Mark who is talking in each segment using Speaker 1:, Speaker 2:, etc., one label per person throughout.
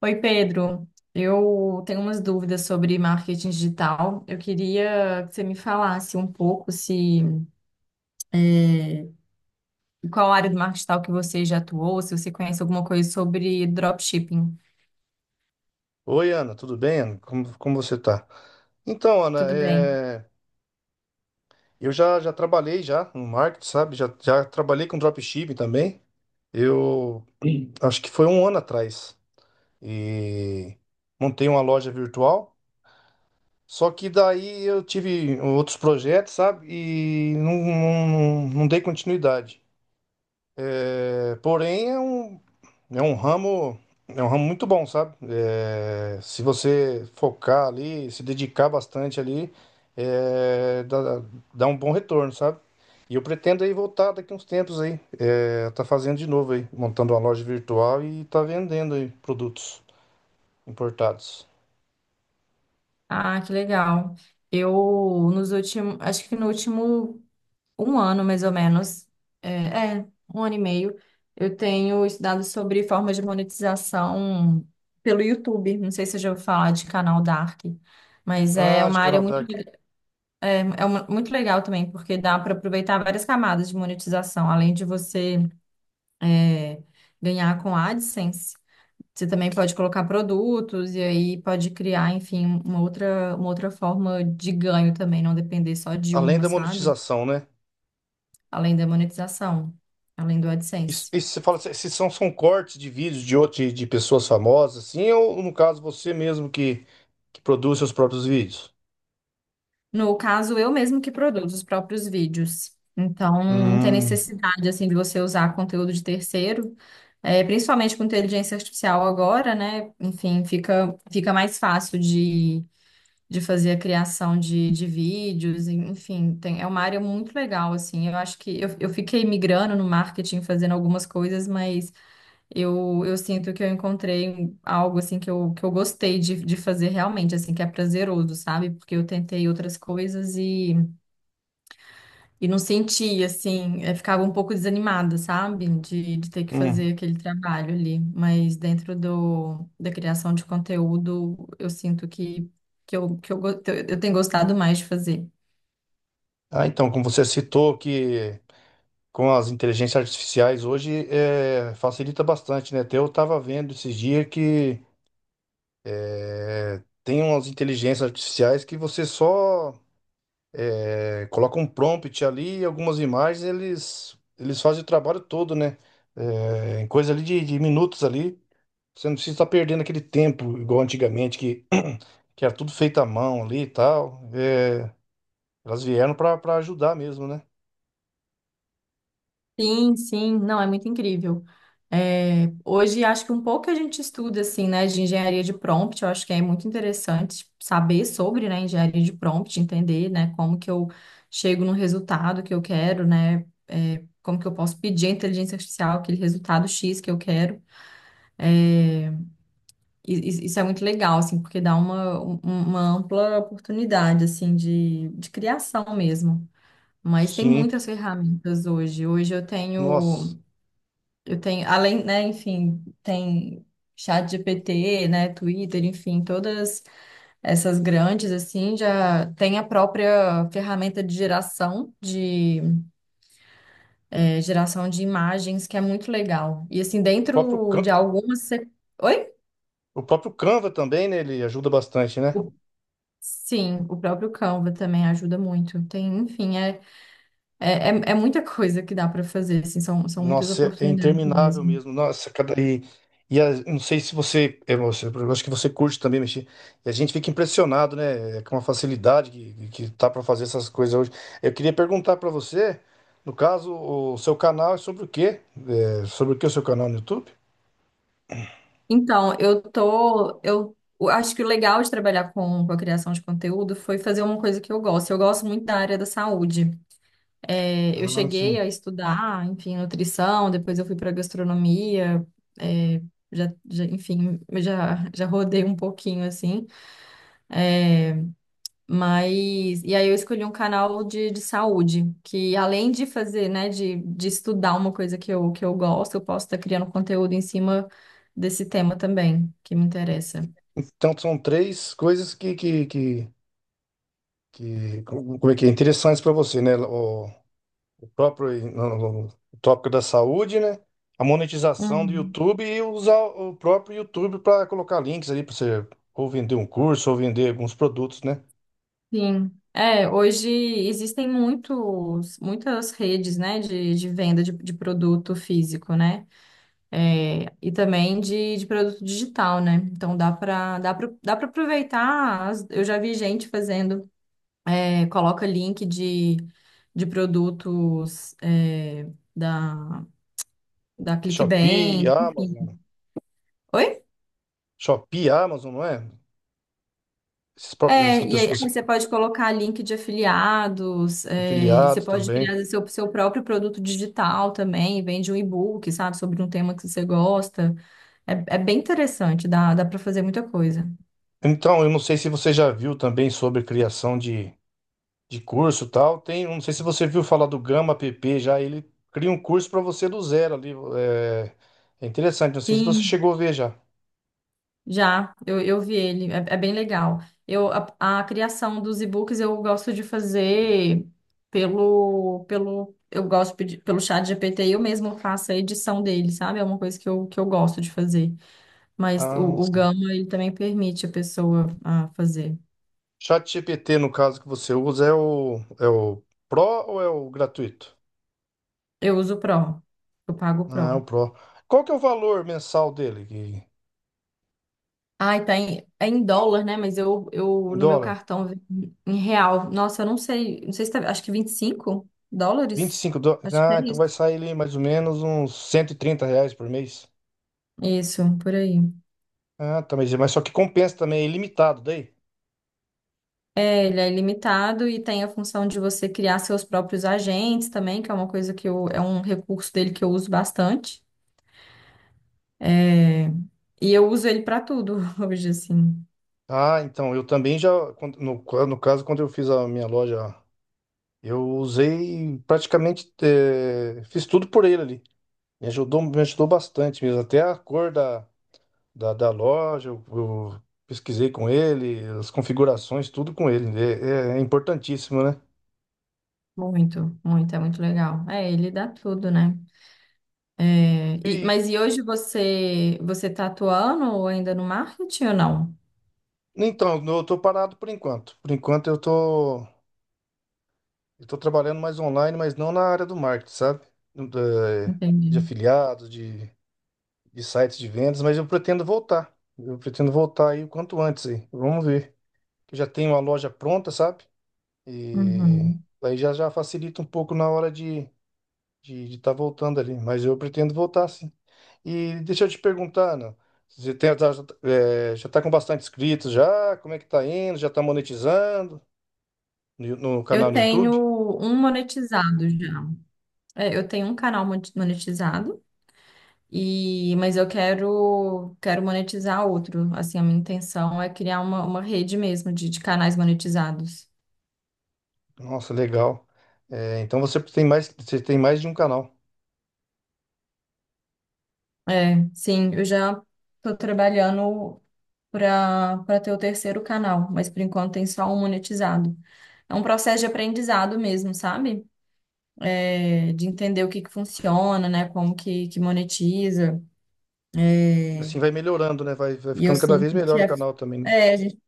Speaker 1: Oi, Pedro. Eu tenho umas dúvidas sobre marketing digital. Eu queria que você me falasse um pouco se é, qual área do marketing digital que você já atuou, se você conhece alguma coisa sobre dropshipping.
Speaker 2: Oi, Ana, tudo bem, Ana? Como você tá? Então, Ana,
Speaker 1: Tudo bem.
Speaker 2: eu já trabalhei já no marketing, sabe? Já trabalhei com dropshipping também. Eu, sim, acho que foi um ano atrás. E montei uma loja virtual. Só que daí eu tive outros projetos, sabe? E não, não, não dei continuidade. É, porém, É um ramo, é um ramo muito bom, sabe? É, se você focar ali, se dedicar bastante ali, é, dá, dá um bom retorno, sabe? E eu pretendo aí voltar daqui uns tempos aí, tá fazendo de novo aí, montando uma loja virtual e tá vendendo aí produtos importados.
Speaker 1: Ah, que legal. Eu nos últimos, acho que no último um ano mais ou menos, é, é, um ano e meio, eu tenho estudado sobre formas de monetização pelo YouTube. Não sei se você já ouviu falar de canal Dark. Mas é
Speaker 2: Ah, de
Speaker 1: uma
Speaker 2: canal Dark.
Speaker 1: Muito legal também, porque dá para aproveitar várias camadas de monetização. Além de você é, ganhar com a AdSense, você também pode colocar produtos e aí pode criar, enfim, uma outra forma de ganho também, não depender só de
Speaker 2: Além
Speaker 1: uma,
Speaker 2: da
Speaker 1: sabe?
Speaker 2: monetização, né?
Speaker 1: Além da monetização, além do
Speaker 2: Isso,
Speaker 1: AdSense.
Speaker 2: isso você fala, se são cortes de vídeos de outro, de pessoas famosas, assim, ou no caso você mesmo que produz seus próprios vídeos?
Speaker 1: No caso, eu mesmo que produzo os próprios vídeos. Então, não tem
Speaker 2: Hum.
Speaker 1: necessidade, assim, de você usar conteúdo de terceiro. É, principalmente com inteligência artificial agora, né? Enfim, fica mais fácil de fazer a criação de vídeos, enfim, é uma área muito legal, assim. Eu acho que eu fiquei migrando no marketing, fazendo algumas coisas, mas eu sinto que eu encontrei algo assim que que eu gostei de fazer realmente, assim, que é prazeroso, sabe? Porque eu tentei outras coisas e não sentia, assim, ficava um pouco desanimada, sabe? De ter que
Speaker 2: Hum.
Speaker 1: fazer aquele trabalho ali. Mas dentro do, da criação de conteúdo, eu sinto que eu tenho gostado mais de fazer.
Speaker 2: Ah, então, como você citou que com as inteligências artificiais hoje facilita bastante, né? Até eu estava vendo esses dias que tem umas inteligências artificiais que você só coloca um prompt ali, e algumas imagens, eles fazem o trabalho todo, né? É, em coisa ali de minutos ali, você não precisa estar perdendo aquele tempo igual antigamente que que era tudo feito à mão ali e tal. É, elas vieram para ajudar mesmo, né?
Speaker 1: Sim, sim, não, é muito incrível. É, hoje acho que um pouco a gente estuda assim, né, de engenharia de prompt. Eu acho que é muito interessante saber sobre, né, engenharia de prompt, entender, né, como que eu chego no resultado que eu quero, né, é, como que eu posso pedir à inteligência artificial aquele resultado X que eu quero. E- Isso é muito legal, assim, porque dá uma ampla oportunidade, assim, de criação mesmo. Mas tem
Speaker 2: Sim.
Speaker 1: muitas ferramentas hoje. Hoje eu
Speaker 2: Nossa,
Speaker 1: tenho. Eu tenho, além, né, enfim, tem chat GPT, né, Twitter, enfim, todas essas grandes, assim, já tem a própria ferramenta de geração, de geração de imagens, que é muito legal. E, assim,
Speaker 2: o próprio,
Speaker 1: dentro de
Speaker 2: Can-
Speaker 1: algumas... você- Oi?
Speaker 2: o próprio Canva também, né? Ele ajuda bastante, né?
Speaker 1: O- Sim, o próprio Canva também ajuda muito. Tem, enfim, é muita coisa que dá para fazer, assim, são muitas
Speaker 2: Nossa, é
Speaker 1: oportunidades
Speaker 2: interminável
Speaker 1: mesmo.
Speaker 2: mesmo. Nossa, cada. Não sei se você. Eu acho que você curte também mexer. E a gente fica impressionado, né? Com a facilidade que tá para fazer essas coisas hoje. Eu queria perguntar para você, no caso, o seu canal é sobre o quê? É, sobre o que o seu canal no YouTube?
Speaker 1: Então, eu tô, eu acho que o legal de trabalhar com a criação de conteúdo foi fazer uma coisa que eu gosto. Eu gosto muito da área da saúde. É, eu
Speaker 2: Ah, sim.
Speaker 1: cheguei a estudar, enfim, nutrição, depois eu fui para gastronomia, é, enfim, já rodei um pouquinho assim. Mas, e aí eu escolhi um canal de saúde, que além de fazer, né, de estudar uma coisa que que eu gosto, eu posso estar criando conteúdo em cima desse tema também, que me interessa.
Speaker 2: Então são três coisas que como é que é? Interessantes para você, né? O próprio no- no- o tópico da saúde, né? A monetização do
Speaker 1: Uhum.
Speaker 2: YouTube e usar o próprio YouTube para colocar links ali para você ou vender um curso ou vender alguns produtos, né?
Speaker 1: Sim. É, hoje existem muitos, muitas redes, né, de venda de produto físico, né? É, e também de produto digital, né? Então dá para aproveitar. Eu já vi gente fazendo, é, coloca link de produtos é, da, da
Speaker 2: Da Shopee,
Speaker 1: Clickbank, enfim.
Speaker 2: Amazon,
Speaker 1: Oi?
Speaker 2: Shopee, Amazon, não é? Esses próprios,
Speaker 1: É,
Speaker 2: essas
Speaker 1: e aí
Speaker 2: pessoas
Speaker 1: você pode colocar link de afiliados, é, e você
Speaker 2: afiliadas
Speaker 1: pode
Speaker 2: também.
Speaker 1: criar seu próprio produto digital também, vende um e-book, sabe, sobre um tema que você gosta. É, é bem interessante, dá, dá para fazer muita coisa.
Speaker 2: Então, eu não sei se você já viu também sobre criação de curso e tal. Tem, eu não sei se você viu falar do Gama app já, ele cria um curso para você do zero ali. É, é interessante, não sei se você
Speaker 1: Sim,
Speaker 2: chegou a ver já.
Speaker 1: já, eu vi ele, é, é bem legal. Eu, a criação dos e-books eu gosto de fazer pelo, pelo, eu gosto de pedir- pelo chat GPT, eu mesmo faço a edição dele, sabe? É uma coisa que que eu gosto de fazer. Mas
Speaker 2: Ah,
Speaker 1: o Gama, ele também permite a pessoa a fazer.
Speaker 2: ChatGPT, no caso que você usa, é o Pro ou é o gratuito?
Speaker 1: Eu uso o Pro. Eu pago o
Speaker 2: Ah, é o
Speaker 1: Pro.
Speaker 2: Pro. Qual que é o valor mensal dele?
Speaker 1: Ai, tá em, é em dólar, né? Mas eu
Speaker 2: Em
Speaker 1: no meu
Speaker 2: dólar?
Speaker 1: cartão em real. Nossa, eu não sei. Não sei se tá, acho que 25
Speaker 2: Vinte e
Speaker 1: dólares.
Speaker 2: cinco dólares.
Speaker 1: Acho que
Speaker 2: Ah,
Speaker 1: é
Speaker 2: então
Speaker 1: isso.
Speaker 2: vai sair ali mais ou menos uns R$ 130 por mês.
Speaker 1: Isso, por aí.
Speaker 2: Ah, tá, mas só que compensa também, é ilimitado daí.
Speaker 1: É, ele é ilimitado e tem a função de você criar seus próprios agentes também, que é uma coisa que eu, é um recurso dele que eu uso bastante. E eu uso ele pra tudo hoje, assim.
Speaker 2: Ah, então, eu também já, no caso, quando eu fiz a minha loja, eu usei praticamente, fiz tudo por ele ali. Me ajudou bastante mesmo, até a cor da da loja, eu pesquisei com ele, as configurações, tudo com ele. É importantíssimo, né?
Speaker 1: Muito, muito, é muito legal. É, ele dá tudo, né? É,
Speaker 2: E
Speaker 1: mas e hoje você está atuando ou ainda no marketing ou não?
Speaker 2: então, eu tô parado por enquanto. Por enquanto eu tô trabalhando mais online, mas não na área do marketing, sabe? Da-
Speaker 1: Entendi.
Speaker 2: De, afiliados, de sites de vendas, mas eu pretendo voltar. Eu pretendo voltar aí o quanto antes aí. Vamos ver. Eu já tenho uma loja pronta, sabe? E
Speaker 1: Uhum.
Speaker 2: aí já facilita um pouco na hora de estar voltando ali, mas eu pretendo voltar sim. E deixa eu te perguntar, Ana, você já está com bastante inscritos já? Como é que tá indo? Já está monetizando no canal
Speaker 1: Eu
Speaker 2: no YouTube?
Speaker 1: tenho um monetizado já. É, eu tenho um canal monetizado e mas eu quero monetizar outro. Assim, a minha intenção é criar uma rede mesmo de canais monetizados.
Speaker 2: Nossa, legal. É, então você tem mais de um canal.
Speaker 1: É, sim, eu já estou trabalhando para ter o terceiro canal, mas por enquanto tem só um monetizado. É um processo de aprendizado mesmo, sabe? É, de entender o que que funciona, né? Como que monetiza.
Speaker 2: Assim vai melhorando, né? Vai
Speaker 1: E eu
Speaker 2: ficando cada vez
Speaker 1: sinto que
Speaker 2: melhor o
Speaker 1: é,
Speaker 2: canal também, né?
Speaker 1: é, a gente-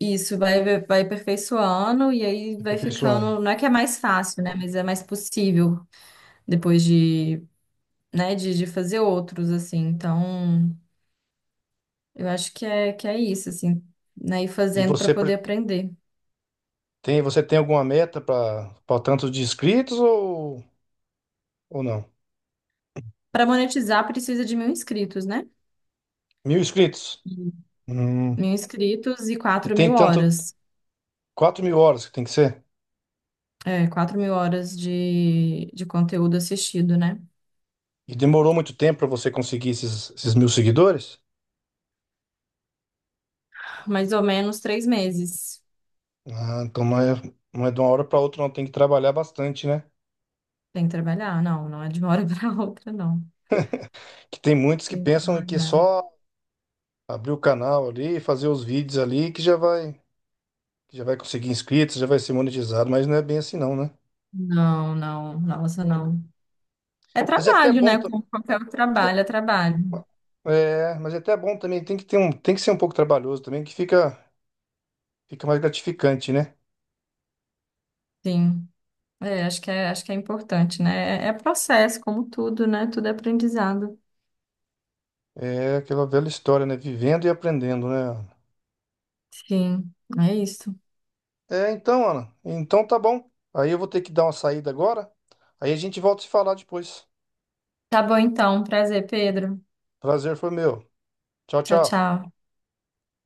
Speaker 1: isso vai aperfeiçoando e aí vai
Speaker 2: Aperfeiçoando.
Speaker 1: ficando. Não é que é mais fácil, né? Mas é mais possível depois de, né? De fazer outros, assim. Então, eu acho que é isso, assim, né? Ir
Speaker 2: E
Speaker 1: fazendo para
Speaker 2: você
Speaker 1: poder
Speaker 2: pre-
Speaker 1: aprender.
Speaker 2: tem, você tem alguma meta para tanto de inscritos ou não?
Speaker 1: Para monetizar, precisa de 1.000 inscritos, né?
Speaker 2: 1.000 inscritos? Hum,
Speaker 1: 1.000 inscritos e
Speaker 2: e
Speaker 1: quatro mil
Speaker 2: tem tanto,
Speaker 1: horas.
Speaker 2: 4.000 horas que tem que ser?
Speaker 1: É, 4.000 horas de conteúdo assistido, né?
Speaker 2: E demorou muito tempo para você conseguir esses 1.000 seguidores?
Speaker 1: Mais ou menos 3 meses.
Speaker 2: Ah, então não é, não é de uma hora para outra, não. Tem que trabalhar bastante, né?
Speaker 1: Tem que trabalhar. Não, não é de uma hora para outra, não.
Speaker 2: Que tem muitos que
Speaker 1: Tem que
Speaker 2: pensam que
Speaker 1: trabalhar.
Speaker 2: só abrir o canal ali, fazer os vídeos ali, que já vai conseguir inscritos, já vai ser monetizado, mas não é bem assim, não, né?
Speaker 1: Não, não, nossa, não. É
Speaker 2: Mas é até
Speaker 1: trabalho,
Speaker 2: bom,
Speaker 1: né?
Speaker 2: tam-
Speaker 1: Como qualquer trabalho, é trabalho.
Speaker 2: mas é até bom também. Tem que ser um pouco trabalhoso também, que fica mais gratificante, né?
Speaker 1: Sim. É, acho acho que é importante, né? É processo, como tudo, né? Tudo é aprendizado.
Speaker 2: É aquela velha história, né? Vivendo e aprendendo, né?
Speaker 1: Sim, é isso.
Speaker 2: É, então, Ana. Então tá bom. Aí eu vou ter que dar uma saída agora. Aí a gente volta a se falar depois.
Speaker 1: Tá bom, então. Prazer, Pedro.
Speaker 2: Prazer foi meu. Tchau,
Speaker 1: Tchau,
Speaker 2: tchau.
Speaker 1: tchau.